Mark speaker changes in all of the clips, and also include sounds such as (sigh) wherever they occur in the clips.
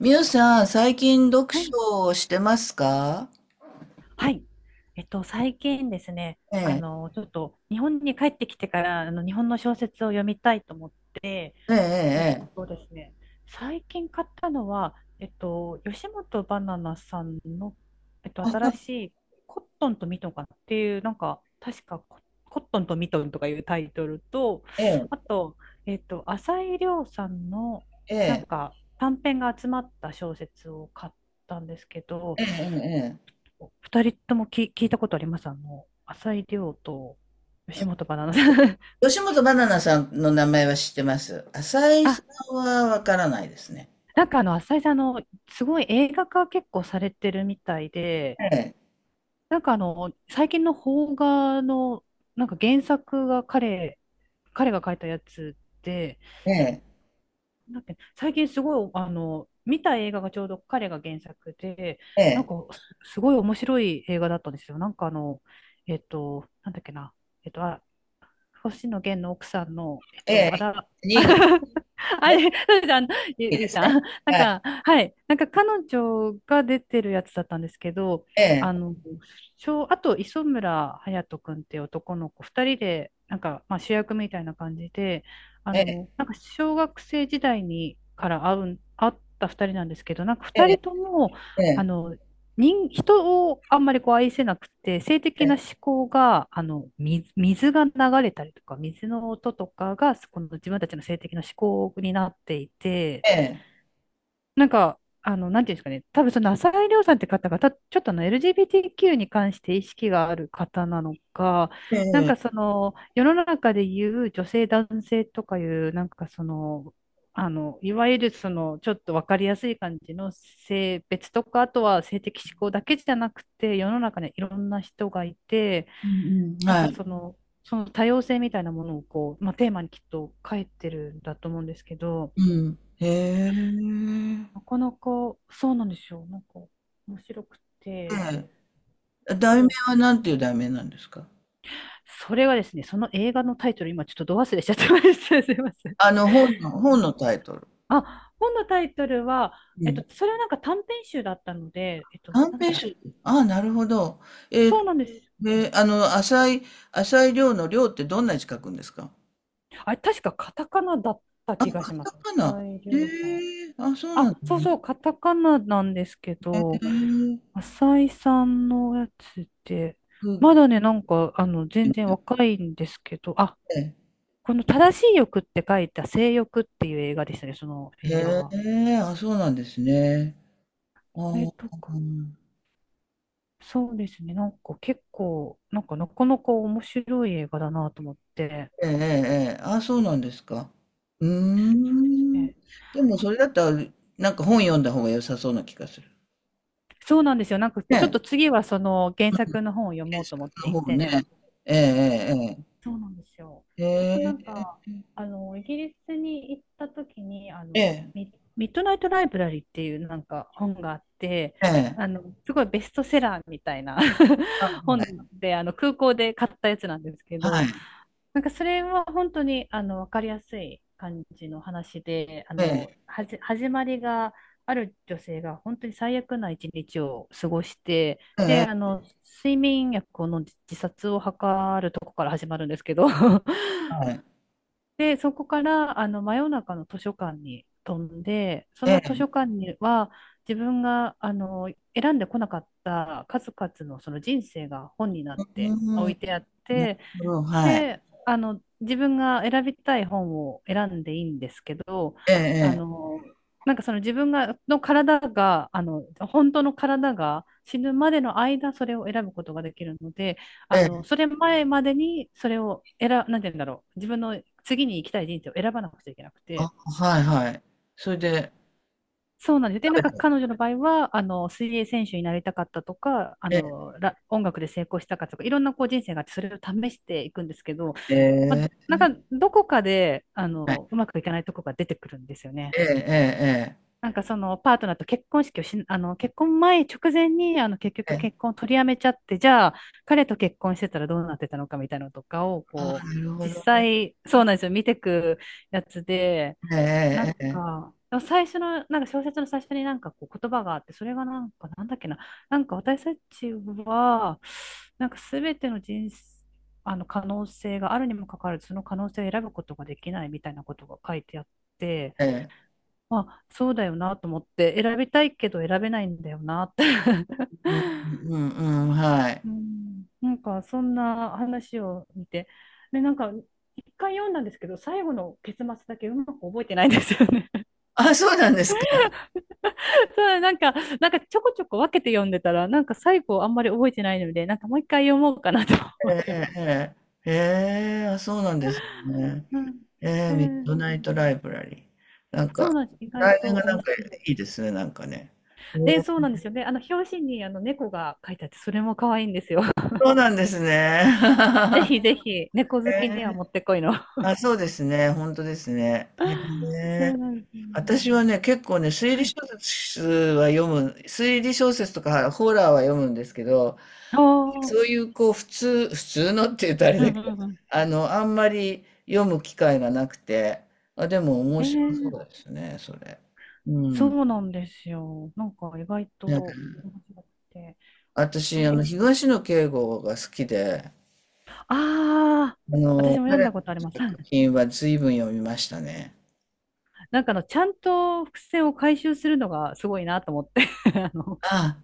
Speaker 1: みゆさん、最近読
Speaker 2: はい。
Speaker 1: 書をしてますか？
Speaker 2: はい。最近ですね、
Speaker 1: ええ、
Speaker 2: ちょっと日本に帰ってきてから、日本の小説を読みたいと思って、
Speaker 1: え
Speaker 2: えっ
Speaker 1: え、
Speaker 2: とですね、最近買ったのは、吉本ばななさんの、新しいコットンとミトンかなっていう、なんか、確かコットンとミトンとかいうタイトルと、
Speaker 1: ええ、
Speaker 2: あと、浅井亮さんの、
Speaker 1: え
Speaker 2: なん
Speaker 1: え、
Speaker 2: か、短編が集まった小説を買ったんですけど、
Speaker 1: ええ、ええ、ええ。
Speaker 2: 二人とも聞いたことあります？浅井亮と吉本ばななさん。
Speaker 1: 吉本ばななさんの名前は知ってます。
Speaker 2: (laughs)
Speaker 1: 浅井さ
Speaker 2: あ、
Speaker 1: んはわからないですね。
Speaker 2: なんか浅井さん、すごい映画化結構されてるみたいで、
Speaker 1: ええ、
Speaker 2: なんか最近の邦画の、なんか原作が彼が書いたやつで、
Speaker 1: ええ、
Speaker 2: なんだっけ最近すごい、見た映画がちょうど彼が原作で、
Speaker 1: え
Speaker 2: なん
Speaker 1: え、
Speaker 2: かすごい面白い映画だったんですよ。なんかなんだっけな、あ、星野源の奥さんの、
Speaker 1: ええ、
Speaker 2: あら、(laughs)
Speaker 1: 新潟
Speaker 2: あ
Speaker 1: が
Speaker 2: れ、
Speaker 1: 好
Speaker 2: そうです
Speaker 1: き
Speaker 2: ゆ
Speaker 1: で
Speaker 2: い
Speaker 1: す
Speaker 2: さ
Speaker 1: ね。
Speaker 2: ん。なん
Speaker 1: はい、
Speaker 2: か、はい。なんか彼女が出てるやつだったんですけど、
Speaker 1: え
Speaker 2: あ
Speaker 1: え、
Speaker 2: の、あと磯村勇斗くんっていう男の子、二人で、なんか、まあ、主役みたいな感じで、
Speaker 1: ええ、
Speaker 2: なんか小学生時代にから会った二人なんですけど、なんか
Speaker 1: え
Speaker 2: 二人
Speaker 1: え、
Speaker 2: とも、
Speaker 1: え
Speaker 2: あ
Speaker 1: え、
Speaker 2: の、人をあんまりこう愛せなくて、性的な思考が、水が流れたりとか、水の音とかが、この自分たちの性的な思考になっていて、
Speaker 1: ええ、
Speaker 2: なんか、なんていうんですかね、多分その浅井亮さんって方が、ちょっとあの LGBTQ に関して意識がある方なのか、
Speaker 1: え
Speaker 2: なん
Speaker 1: え、
Speaker 2: かその、世の中で言う女性男性とかいう、なんかその、いわゆるその、ちょっとわかりやすい感じの性別とか、あとは性的指向だけじゃなくて、世の中にいろんな人がいて、
Speaker 1: うんうん、
Speaker 2: なん
Speaker 1: は
Speaker 2: か
Speaker 1: い、
Speaker 2: その多様性みたいなものをこう、まあ、テーマにきっと書いてるんだと思うんですけど、
Speaker 1: うん、へえ、
Speaker 2: なかなか、そうなんですよ。なんか、面白くて。
Speaker 1: ええ、
Speaker 2: あ
Speaker 1: 題名
Speaker 2: と、
Speaker 1: はなんていう題名なんですか？
Speaker 2: それはですね、その映画のタイトル、今ちょっとど忘れしちゃってました。(laughs) すいません。
Speaker 1: 本のタイトル。
Speaker 2: あ、本のタイトルは、それはなんか短編集だったので、
Speaker 1: 短
Speaker 2: なんだっけ
Speaker 1: 編
Speaker 2: な、
Speaker 1: 集。ああ、なるほど。えっ
Speaker 2: そう
Speaker 1: と、
Speaker 2: なんです。
Speaker 1: で、浅い量の量ってどんな字書くんですか？
Speaker 2: あれ、確かカタカナだった気が
Speaker 1: カ
Speaker 2: しま
Speaker 1: タ
Speaker 2: す。
Speaker 1: カナ。
Speaker 2: 浅井
Speaker 1: え
Speaker 2: 亮さん。
Speaker 1: え、あ、そうなんで
Speaker 2: あ、
Speaker 1: す
Speaker 2: そう
Speaker 1: ね。
Speaker 2: そう、カタカナなんですけ
Speaker 1: え
Speaker 2: ど、
Speaker 1: えって
Speaker 2: 浅井さんのやつって、まだね、なんか、全
Speaker 1: 言
Speaker 2: 然
Speaker 1: っ
Speaker 2: 若いんですけど、あ、
Speaker 1: て。
Speaker 2: この正しい欲って書いた性欲っていう映画でしたね、その映画
Speaker 1: え
Speaker 2: は。
Speaker 1: え、あ、そうなんですね。あ
Speaker 2: これ
Speaker 1: ー、
Speaker 2: とか、そうですね、なんか結構、なんかなかなか面白い映画だなと思って。
Speaker 1: ええええ、ええ、あ、そうなんですか。うー
Speaker 2: そうです
Speaker 1: ん。
Speaker 2: ね。
Speaker 1: でも、
Speaker 2: あ、
Speaker 1: それだったら、なんか本読んだ方が良さそうな気がする。
Speaker 2: そうなんですよ。なんかちょっ
Speaker 1: ねえ、
Speaker 2: と次はその原作の本を読もう
Speaker 1: 検
Speaker 2: と思って
Speaker 1: 索
Speaker 2: い
Speaker 1: の方ね。
Speaker 2: て、
Speaker 1: ええ
Speaker 2: そうなんですよ。
Speaker 1: え
Speaker 2: あとなん
Speaker 1: えええ
Speaker 2: か、イギリスに行った時に、
Speaker 1: ええ
Speaker 2: ミッドナイトライブラリーっていうなんか本があって、
Speaker 1: ええ
Speaker 2: すごいベストセラーみたいな (laughs) 本
Speaker 1: ええ、
Speaker 2: で、空港で買ったやつなんですけ
Speaker 1: はい。
Speaker 2: ど、なんかそれは本当にあの分かりやすい感じの話で、あ
Speaker 1: え
Speaker 2: の
Speaker 1: え、
Speaker 2: 始まりがある女性が本当に最悪な一日を過ごして、
Speaker 1: え
Speaker 2: で、
Speaker 1: え
Speaker 2: あ
Speaker 1: ええ、
Speaker 2: の睡眠薬を飲んで自殺を図るとこから始まるんですけど、(laughs)
Speaker 1: はい。
Speaker 2: で、そこからあの真夜中の図書館に飛んで、そ
Speaker 1: え
Speaker 2: の図
Speaker 1: え。
Speaker 2: 書館には自分があの選んでこなかった数々のその人生が本にな
Speaker 1: う
Speaker 2: って
Speaker 1: ー
Speaker 2: 置
Speaker 1: ん。
Speaker 2: いてあっ
Speaker 1: なる
Speaker 2: て、
Speaker 1: ほど、はい。
Speaker 2: で、自分が選びたい本を選んでいいんですけど、あ
Speaker 1: ええ
Speaker 2: の、なんかその自分が、の体が、本当の体が死ぬまでの間、それを選ぶことができるので、
Speaker 1: ええ、え
Speaker 2: そ
Speaker 1: え。
Speaker 2: れ前までに、それを選、なんて言うんだろう、自分の次に行きたい人生を選ばなくちゃいけなく
Speaker 1: あ、
Speaker 2: て、
Speaker 1: はいはい。それで。
Speaker 2: そうなんです。で、な
Speaker 1: 食べ
Speaker 2: んか
Speaker 1: た。
Speaker 2: 彼女の場合は、水泳選手になりたかったとか、
Speaker 1: ええ、
Speaker 2: 音楽で成功したかとか、いろんなこう人生があって、それを試していくんですけど、
Speaker 1: え
Speaker 2: まあ、
Speaker 1: え、
Speaker 2: なんか、どこかで、
Speaker 1: は
Speaker 2: う
Speaker 1: い。
Speaker 2: まくいかないとこが出てくるんですよね。
Speaker 1: ええええええ。
Speaker 2: なんかそのパートナーと結婚式をし、結婚前直前に、結
Speaker 1: え
Speaker 2: 局
Speaker 1: え。
Speaker 2: 結婚を取りやめちゃって、じゃあ、彼と結婚してたらどうなってたのかみたいなのとかを、
Speaker 1: ああ、
Speaker 2: こ
Speaker 1: なる
Speaker 2: う、
Speaker 1: ほ
Speaker 2: 実
Speaker 1: どね。
Speaker 2: 際、そうなんですよ。見てくやつで、
Speaker 1: え
Speaker 2: なん
Speaker 1: ええええ
Speaker 2: か、最初の、なんか小説の最初になんかこう言葉があって、それがなんか、なんだっけな、なんか私たちは、なんかすべての人生、あの可能性があるにもかかわらず、その可能性を選ぶことができないみたいなことが書いてあって、
Speaker 1: え。ええ。
Speaker 2: まあ、そうだよなと思って、選びたいけど選べないんだよなって
Speaker 1: うん
Speaker 2: (laughs)
Speaker 1: うんうん、はい。
Speaker 2: うん、なんかそんな話を見て、で、なんか一回読んだんですけど、最後の結末だけうまく覚えてないんですよね。
Speaker 1: あ、そうなんですか。
Speaker 2: そう、なんか、なんかちょこちょこ分けて読んでたら、なんか最後あんまり覚えてないので、なんかもう一回読もうかなと思
Speaker 1: え
Speaker 2: って
Speaker 1: え
Speaker 2: ま
Speaker 1: え
Speaker 2: す。
Speaker 1: えええ。へえ、あ、そうなんですね。
Speaker 2: うん、
Speaker 1: え
Speaker 2: え
Speaker 1: え、ミッドナイ
Speaker 2: ー
Speaker 1: トライブラリー。なん
Speaker 2: そう
Speaker 1: か、
Speaker 2: なんです。意外
Speaker 1: 題名
Speaker 2: と
Speaker 1: がな
Speaker 2: 面
Speaker 1: んか
Speaker 2: 白いで
Speaker 1: いい
Speaker 2: す。
Speaker 1: ですね、なんかね。
Speaker 2: で、そ
Speaker 1: え。
Speaker 2: うなんですよね。表紙にあの猫が書いてあって、それも可愛いんですよ。(laughs)
Speaker 1: そうなんですね。
Speaker 2: ぜ
Speaker 1: (laughs)
Speaker 2: ひぜひ、猫好き
Speaker 1: へ
Speaker 2: には
Speaker 1: ー、
Speaker 2: もってこいの。
Speaker 1: あ、そうですね。本当ですね。へ
Speaker 2: (laughs) そ
Speaker 1: え。
Speaker 2: うなんですよ。
Speaker 1: 私はね、結構ね、推
Speaker 2: は
Speaker 1: 理
Speaker 2: い。
Speaker 1: 小説は読む、推理小説とかホラーは読むんですけど、
Speaker 2: あ
Speaker 1: そう
Speaker 2: あ、
Speaker 1: いうこう、普通のって言うとあれ
Speaker 2: う
Speaker 1: だ
Speaker 2: ん
Speaker 1: け
Speaker 2: う
Speaker 1: ど、
Speaker 2: んうん。
Speaker 1: あんまり読む機会がなくて、あ、でも
Speaker 2: え
Speaker 1: 面白そ
Speaker 2: ー
Speaker 1: うですね、それ。う
Speaker 2: そ
Speaker 1: ん。
Speaker 2: うなんですよ。なんか意外
Speaker 1: ね、
Speaker 2: と面白くて。
Speaker 1: 私、
Speaker 2: で、
Speaker 1: 東野圭吾が好きで、
Speaker 2: ああ、私も読ん
Speaker 1: 彼の
Speaker 2: だことあります。
Speaker 1: 作品は随分読みましたね。
Speaker 2: なんかちゃんと伏線を回収するのがすごいなと思って (laughs) あの、
Speaker 1: あ、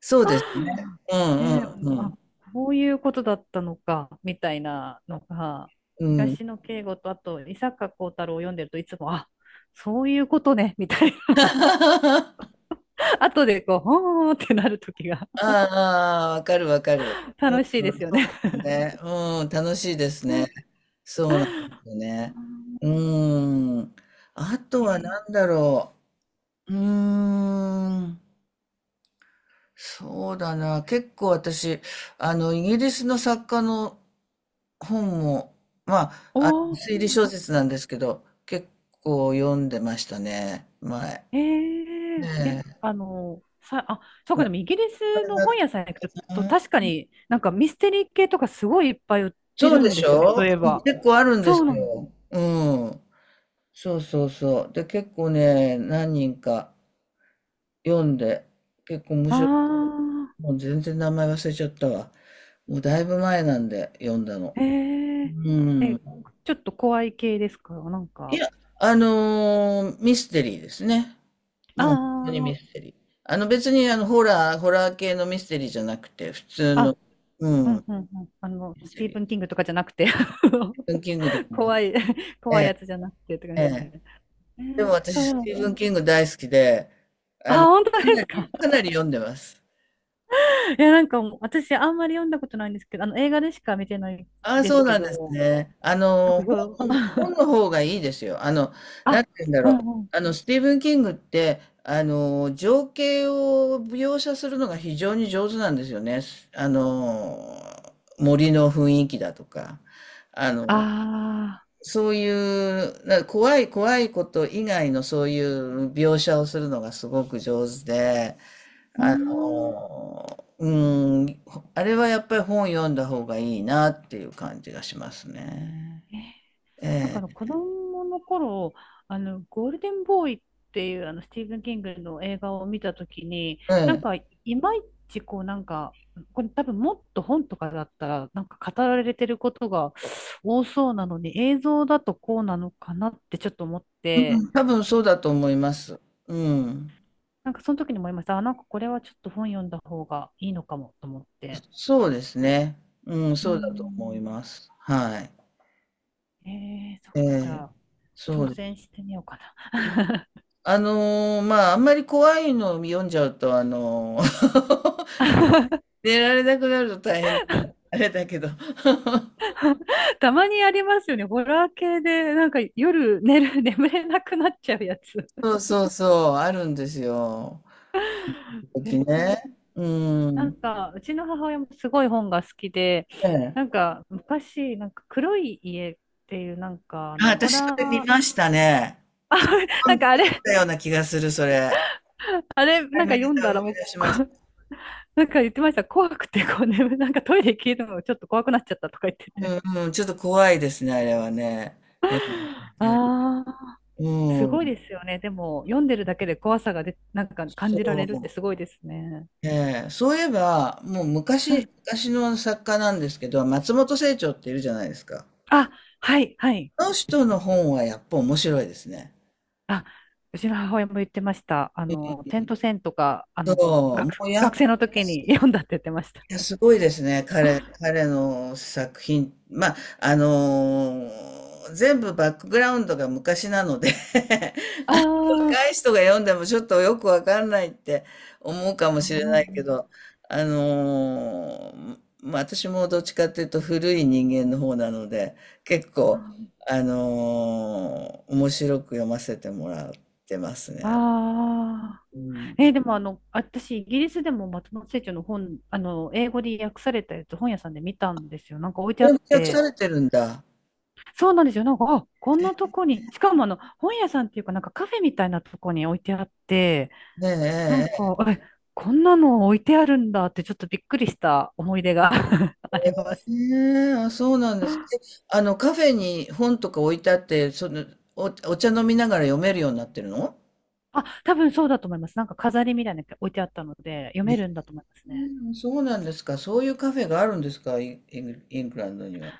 Speaker 1: そうですね。うん
Speaker 2: ねえ、
Speaker 1: う
Speaker 2: あ、
Speaker 1: ん
Speaker 2: こういうことだったのか、みたいなのが、
Speaker 1: うん。うん。
Speaker 2: 東野圭吾と、あと、伊坂幸太郎を読んでるといつも、あ、そういうことね、みたいな。
Speaker 1: (laughs)
Speaker 2: (laughs) 後でこう、ほーってなるときが
Speaker 1: ああ、あ、わかるわかる。
Speaker 2: 楽しい
Speaker 1: う
Speaker 2: で
Speaker 1: ん、
Speaker 2: すよ
Speaker 1: そう
Speaker 2: ね。
Speaker 1: ですね。うん、楽しいです
Speaker 2: (laughs) う
Speaker 1: ね。そうなんですよね。う
Speaker 2: ん、
Speaker 1: ーん。あと
Speaker 2: ね
Speaker 1: は
Speaker 2: え、
Speaker 1: 何だろう。うーん。そうだな。結構私、イギリスの作家の本も、まあ、
Speaker 2: おー、
Speaker 1: 推理小説なんですけど、結構読んでましたね、前。
Speaker 2: えええ、
Speaker 1: ええ、
Speaker 2: そうか、でもイギリスの
Speaker 1: な、
Speaker 2: 本屋さんに行くと、確かになんかミステリー系とかすごいいっぱい売って
Speaker 1: そう
Speaker 2: る
Speaker 1: で
Speaker 2: ん
Speaker 1: し
Speaker 2: ですよね、そう
Speaker 1: ょ？
Speaker 2: いえば。
Speaker 1: 結構あるんで
Speaker 2: そ
Speaker 1: す
Speaker 2: うなの。
Speaker 1: よ。うん。そうそうそう。で、結構ね、何人か読んで、結構面
Speaker 2: あ
Speaker 1: 白い。
Speaker 2: あ、
Speaker 1: もう全然名前忘れちゃったわ。もうだいぶ前なんで読んだの。
Speaker 2: ええ
Speaker 1: う
Speaker 2: え、
Speaker 1: ん。
Speaker 2: ちょっと怖い系ですか、なん
Speaker 1: い
Speaker 2: か。
Speaker 1: や、ミステリーですね。もう本当にミ
Speaker 2: あ
Speaker 1: ステリー。別にホラー系のミステリーじゃなくて、普通
Speaker 2: あ、
Speaker 1: の、
Speaker 2: あ、
Speaker 1: う
Speaker 2: う
Speaker 1: ん、
Speaker 2: んうんうん。
Speaker 1: ミ
Speaker 2: ス
Speaker 1: ステ
Speaker 2: ティー
Speaker 1: リ
Speaker 2: ブン・キ
Speaker 1: ー。
Speaker 2: ングとかじゃなくて
Speaker 1: スティーブン・キングで
Speaker 2: (laughs)
Speaker 1: も、
Speaker 2: 怖い、
Speaker 1: え
Speaker 2: 怖いや
Speaker 1: え、
Speaker 2: つじゃなくてって感
Speaker 1: え
Speaker 2: じね。
Speaker 1: え。でも
Speaker 2: そ
Speaker 1: 私、
Speaker 2: う、で
Speaker 1: ス
Speaker 2: も、
Speaker 1: ティー
Speaker 2: ほ
Speaker 1: ブ
Speaker 2: ん
Speaker 1: ン・キング大好きで、
Speaker 2: あ、本当
Speaker 1: か
Speaker 2: で
Speaker 1: な
Speaker 2: す
Speaker 1: り、
Speaker 2: か？
Speaker 1: かなり読んでます。
Speaker 2: いや、なんかもう私あんまり読んだことないんですけど、あの映画でしか見てない
Speaker 1: ああ、
Speaker 2: です
Speaker 1: そう
Speaker 2: け
Speaker 1: なんです
Speaker 2: ど、
Speaker 1: ね。
Speaker 2: なんかよ
Speaker 1: 本、
Speaker 2: (laughs)
Speaker 1: 本の方がいいですよ。なん
Speaker 2: あ、
Speaker 1: て言うんだ
Speaker 2: う
Speaker 1: ろう。
Speaker 2: んうん。
Speaker 1: スティーブン・キングって、情景を描写するのが非常に上手なんですよね。すあの、森の雰囲気だとか、あ
Speaker 2: あ
Speaker 1: の、そういう、な、怖い怖いこと以外のそういう描写をするのがすごく上手で、
Speaker 2: あ、うー
Speaker 1: あ
Speaker 2: ん。
Speaker 1: のうん、あれはやっぱり本読んだ方がいいなっていう感じがしますね。
Speaker 2: えーなんか
Speaker 1: え
Speaker 2: あの子供の頃、ゴールデンボーイっていうあのスティーブン・キングの映画を見たときに、
Speaker 1: え、え
Speaker 2: なん
Speaker 1: え、
Speaker 2: かいまいちこうなんか、これ多分もっと本とかだったらなんか語られてることが多そうなのに映像だとこうなのかなってちょっと思っ
Speaker 1: う
Speaker 2: て、
Speaker 1: ん、多分そうだと思います。うん、
Speaker 2: なんかその時に思いました。あ、なんかこれはちょっと本読んだ方がいいのかもと思って。
Speaker 1: そうですね。うん、
Speaker 2: うー
Speaker 1: そうだと思い
Speaker 2: ん。
Speaker 1: ます。はい。
Speaker 2: えそっ
Speaker 1: え
Speaker 2: か、じ
Speaker 1: え、
Speaker 2: ゃあ、
Speaker 1: そ
Speaker 2: 挑
Speaker 1: うで
Speaker 2: 戦
Speaker 1: す。
Speaker 2: してみようかな。
Speaker 1: まあ、あんまり怖いのを読んじゃうと、(laughs) 寝られなくなると大変、あれだけど。
Speaker 2: (laughs) たまにありますよね。ホラー系で、夜寝る、(laughs) 眠れなくなっちゃうやつ。
Speaker 1: (laughs) そうそうそう、あるんですよ。時
Speaker 2: え
Speaker 1: 々
Speaker 2: でも
Speaker 1: ね。うん。
Speaker 2: うちの母親もすごい本が好きで、
Speaker 1: ええ。
Speaker 2: なんか昔、なんか黒い家っていう、
Speaker 1: あ、
Speaker 2: ホ
Speaker 1: 私そ
Speaker 2: ラ
Speaker 1: れ見
Speaker 2: ー、
Speaker 1: ましたね。
Speaker 2: な
Speaker 1: 読
Speaker 2: ん
Speaker 1: ん、
Speaker 2: かあ
Speaker 1: 見
Speaker 2: れ
Speaker 1: たような気がする、それ。
Speaker 2: あれ、
Speaker 1: ア
Speaker 2: な
Speaker 1: ニ
Speaker 2: ん
Speaker 1: メ
Speaker 2: か
Speaker 1: ー
Speaker 2: 読ん
Speaker 1: ター
Speaker 2: だ
Speaker 1: 思い
Speaker 2: らもう、
Speaker 1: 出し
Speaker 2: こ
Speaker 1: ました。
Speaker 2: (laughs) なんか言ってました。怖くて、こう眠、(laughs) なんかトイレ消えるのがちょっと怖くなっちゃったとか言って
Speaker 1: う
Speaker 2: て。
Speaker 1: んうん、ちょっと怖いですね、あれはね。え、
Speaker 2: ああ、
Speaker 1: う
Speaker 2: すごい
Speaker 1: ん。
Speaker 2: ですよね。でも、読んでるだけで怖さがで、なんか感じられるっ
Speaker 1: そ
Speaker 2: てすごいですね。
Speaker 1: う。ええ、そういえば、もう
Speaker 2: う
Speaker 1: 昔、
Speaker 2: ん
Speaker 1: 昔の作家なんですけど、松本清張っているじゃないですか。
Speaker 2: あ、はい、はい。
Speaker 1: あの人の本はやっぱ面白いですね。
Speaker 2: あ、うちの母親も言ってました。あの、点と線とか、あ
Speaker 1: そ
Speaker 2: の、
Speaker 1: う、も
Speaker 2: 学、
Speaker 1: うやっ
Speaker 2: 学生の時に読んだって言ってました。
Speaker 1: ぱすごいですね、彼の作品。まあ、全部バックグラウンドが昔なので、
Speaker 2: ああ、う
Speaker 1: 若
Speaker 2: ん
Speaker 1: い人が読んでもちょっとよくわかんないって思うかも
Speaker 2: う
Speaker 1: しれ
Speaker 2: ん
Speaker 1: な
Speaker 2: う
Speaker 1: いけ
Speaker 2: ん
Speaker 1: ど、まあ私もどっちかっていうと古い人間の方なので、結構、面白く読ませてもらってますね。
Speaker 2: ああ。
Speaker 1: う
Speaker 2: えー
Speaker 1: ん。
Speaker 2: でもあの、私、イギリスでも松本清張の本、あの、英語で訳されたやつ、本屋さんで見たんですよ。なんか置いてあ
Speaker 1: で、
Speaker 2: っ
Speaker 1: 訳さ
Speaker 2: て。
Speaker 1: れてるんだ。
Speaker 2: そうなんですよ。なんか、あ、こんなとこに、しかもあの、本屋さんっていうか、なんかカフェみたいなとこに置いてあって、なん
Speaker 1: ね
Speaker 2: か、え、こんなの置いてあるんだって、ちょっとびっくりした思い出が (laughs) あります。
Speaker 1: え、ええ、ええ、あ、そうなんですか。で、カフェに本とか置いてあって、その、お、お茶飲みながら読めるようになってるの？
Speaker 2: あ、多分そうだと思います。なんか飾りみたいなのが置いてあったので、読めるんだと思いますね。
Speaker 1: うん、そうなんですか。そういうカフェがあるんですか、イングランドには？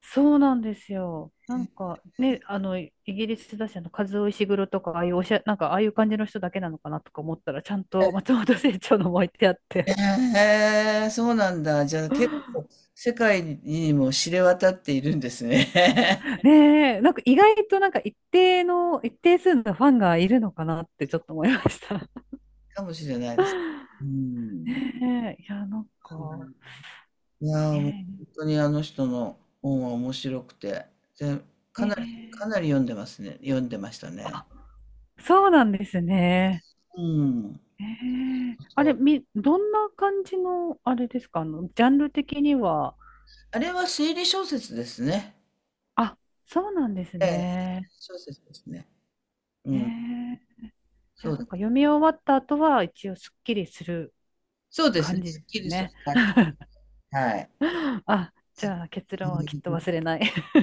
Speaker 2: そうなんですよ。なんかね、あの、イギリスだし、あの、カズオイシグロとか、ああいうおしゃ、なんか、ああいう感じの人だけなのかなとか思ったら、ちゃんと松本清張のも置いてあっ
Speaker 1: え
Speaker 2: て。
Speaker 1: えー、そうなんだ。じゃあ、結構世界にも知れ渡っているんですね。
Speaker 2: (laughs)
Speaker 1: (laughs)
Speaker 2: ねえ、なんか意外となんか一定の、一定数のファンがいるのかなってちょっと思いました。
Speaker 1: かもしれないです。
Speaker 2: (laughs)
Speaker 1: うん。
Speaker 2: ねえ、いや、なんか、
Speaker 1: いやー、もう
Speaker 2: ね
Speaker 1: 本当にあの人の本は面白くて、で、
Speaker 2: え、
Speaker 1: かなり、か
Speaker 2: ね
Speaker 1: なり読んでますね。読んでましたね。
Speaker 2: えそうなんですね。
Speaker 1: うん。
Speaker 2: ねえあ
Speaker 1: そ
Speaker 2: れ、
Speaker 1: う。
Speaker 2: み、どんな感じの、あれですか、あの、ジャンル的には、
Speaker 1: あれは推理小説ですね。
Speaker 2: あ、そうなんです
Speaker 1: ええ、
Speaker 2: ね。
Speaker 1: 小説ですね。う
Speaker 2: え
Speaker 1: ん。
Speaker 2: ー、じ
Speaker 1: そ
Speaker 2: ゃあな
Speaker 1: う、
Speaker 2: んか読み終わった後は一応すっきりする
Speaker 1: そうです
Speaker 2: 感
Speaker 1: ね。
Speaker 2: じ
Speaker 1: す
Speaker 2: で
Speaker 1: っき
Speaker 2: す
Speaker 1: りする
Speaker 2: ね。
Speaker 1: 感じ。はい。
Speaker 2: (laughs) あ、じゃあ結
Speaker 1: そ
Speaker 2: 論
Speaker 1: うい
Speaker 2: はきっ
Speaker 1: う
Speaker 2: と
Speaker 1: こ
Speaker 2: 忘
Speaker 1: と、
Speaker 2: れない。(laughs)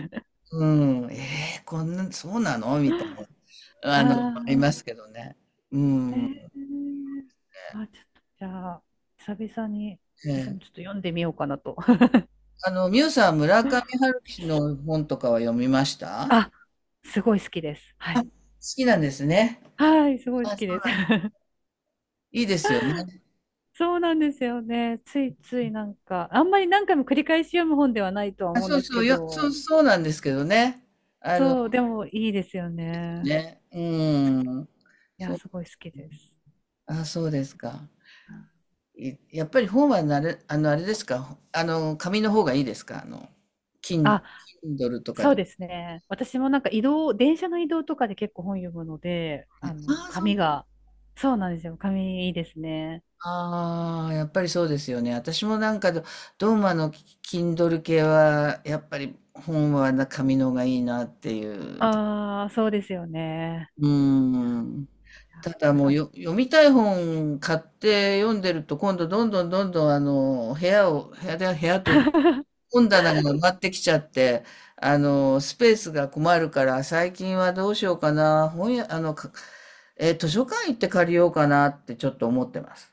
Speaker 1: うん、こんな、そうなのみたいな、ありま
Speaker 2: あ
Speaker 1: すけどね。う
Speaker 2: ー、え
Speaker 1: ん。
Speaker 2: ー、あ、ちょっとじゃあ久々に私
Speaker 1: え
Speaker 2: もちょっ
Speaker 1: え、
Speaker 2: と読んでみようかなと。
Speaker 1: ミュウさん、村上
Speaker 2: (laughs)
Speaker 1: 春樹の本とかは読みました？好
Speaker 2: あ、すごい好きです。はい。
Speaker 1: きなんですね。
Speaker 2: はい、すごい好
Speaker 1: あ、そ
Speaker 2: き
Speaker 1: う
Speaker 2: です。
Speaker 1: なん、
Speaker 2: (laughs)
Speaker 1: いいですよね。
Speaker 2: そうなんですよね。ついついなんか、あんまり何回も繰り返し読む本ではないとは
Speaker 1: あ、
Speaker 2: 思うん
Speaker 1: そう
Speaker 2: です
Speaker 1: そ
Speaker 2: け
Speaker 1: う、そう、
Speaker 2: ど、
Speaker 1: そうなんですけどね。あの、
Speaker 2: そう、でもいいですよね。
Speaker 1: ね、うん。
Speaker 2: い
Speaker 1: そ
Speaker 2: や、
Speaker 1: う、
Speaker 2: すごい好きです。
Speaker 1: あ、そうですか。いやっぱり本はなれ、あれですか。紙の方がいいですか。キン、
Speaker 2: あ、
Speaker 1: Kindle とか
Speaker 2: そう
Speaker 1: で？
Speaker 2: ですね。私もなんか移動、電車の移動とかで結構本読むので、あの、
Speaker 1: ああ、そう。
Speaker 2: 紙が、そうなんですよ。紙いいですね。
Speaker 1: ああ、やっぱりそうですよね。私もなんかどうもKindle 系は、やっぱり本はな紙の方がいいなっていう。
Speaker 2: ああ、そうですよね。
Speaker 1: うん。
Speaker 2: やっ
Speaker 1: ただ
Speaker 2: ぱり
Speaker 1: もう、読みたい本買って読んでると、今度どんどんどんどん部屋を、部屋で、部屋というか、
Speaker 2: (laughs)
Speaker 1: 本棚が埋まってきちゃって、スペースが困るから、最近はどうしようかな、本屋、か、図書館行って借りようかなってちょっと思ってます。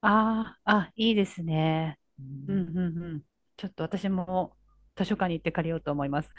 Speaker 2: ああ、あ、いいですね。うんうんうん。ちょっと私も図書館に行って借りようと思います。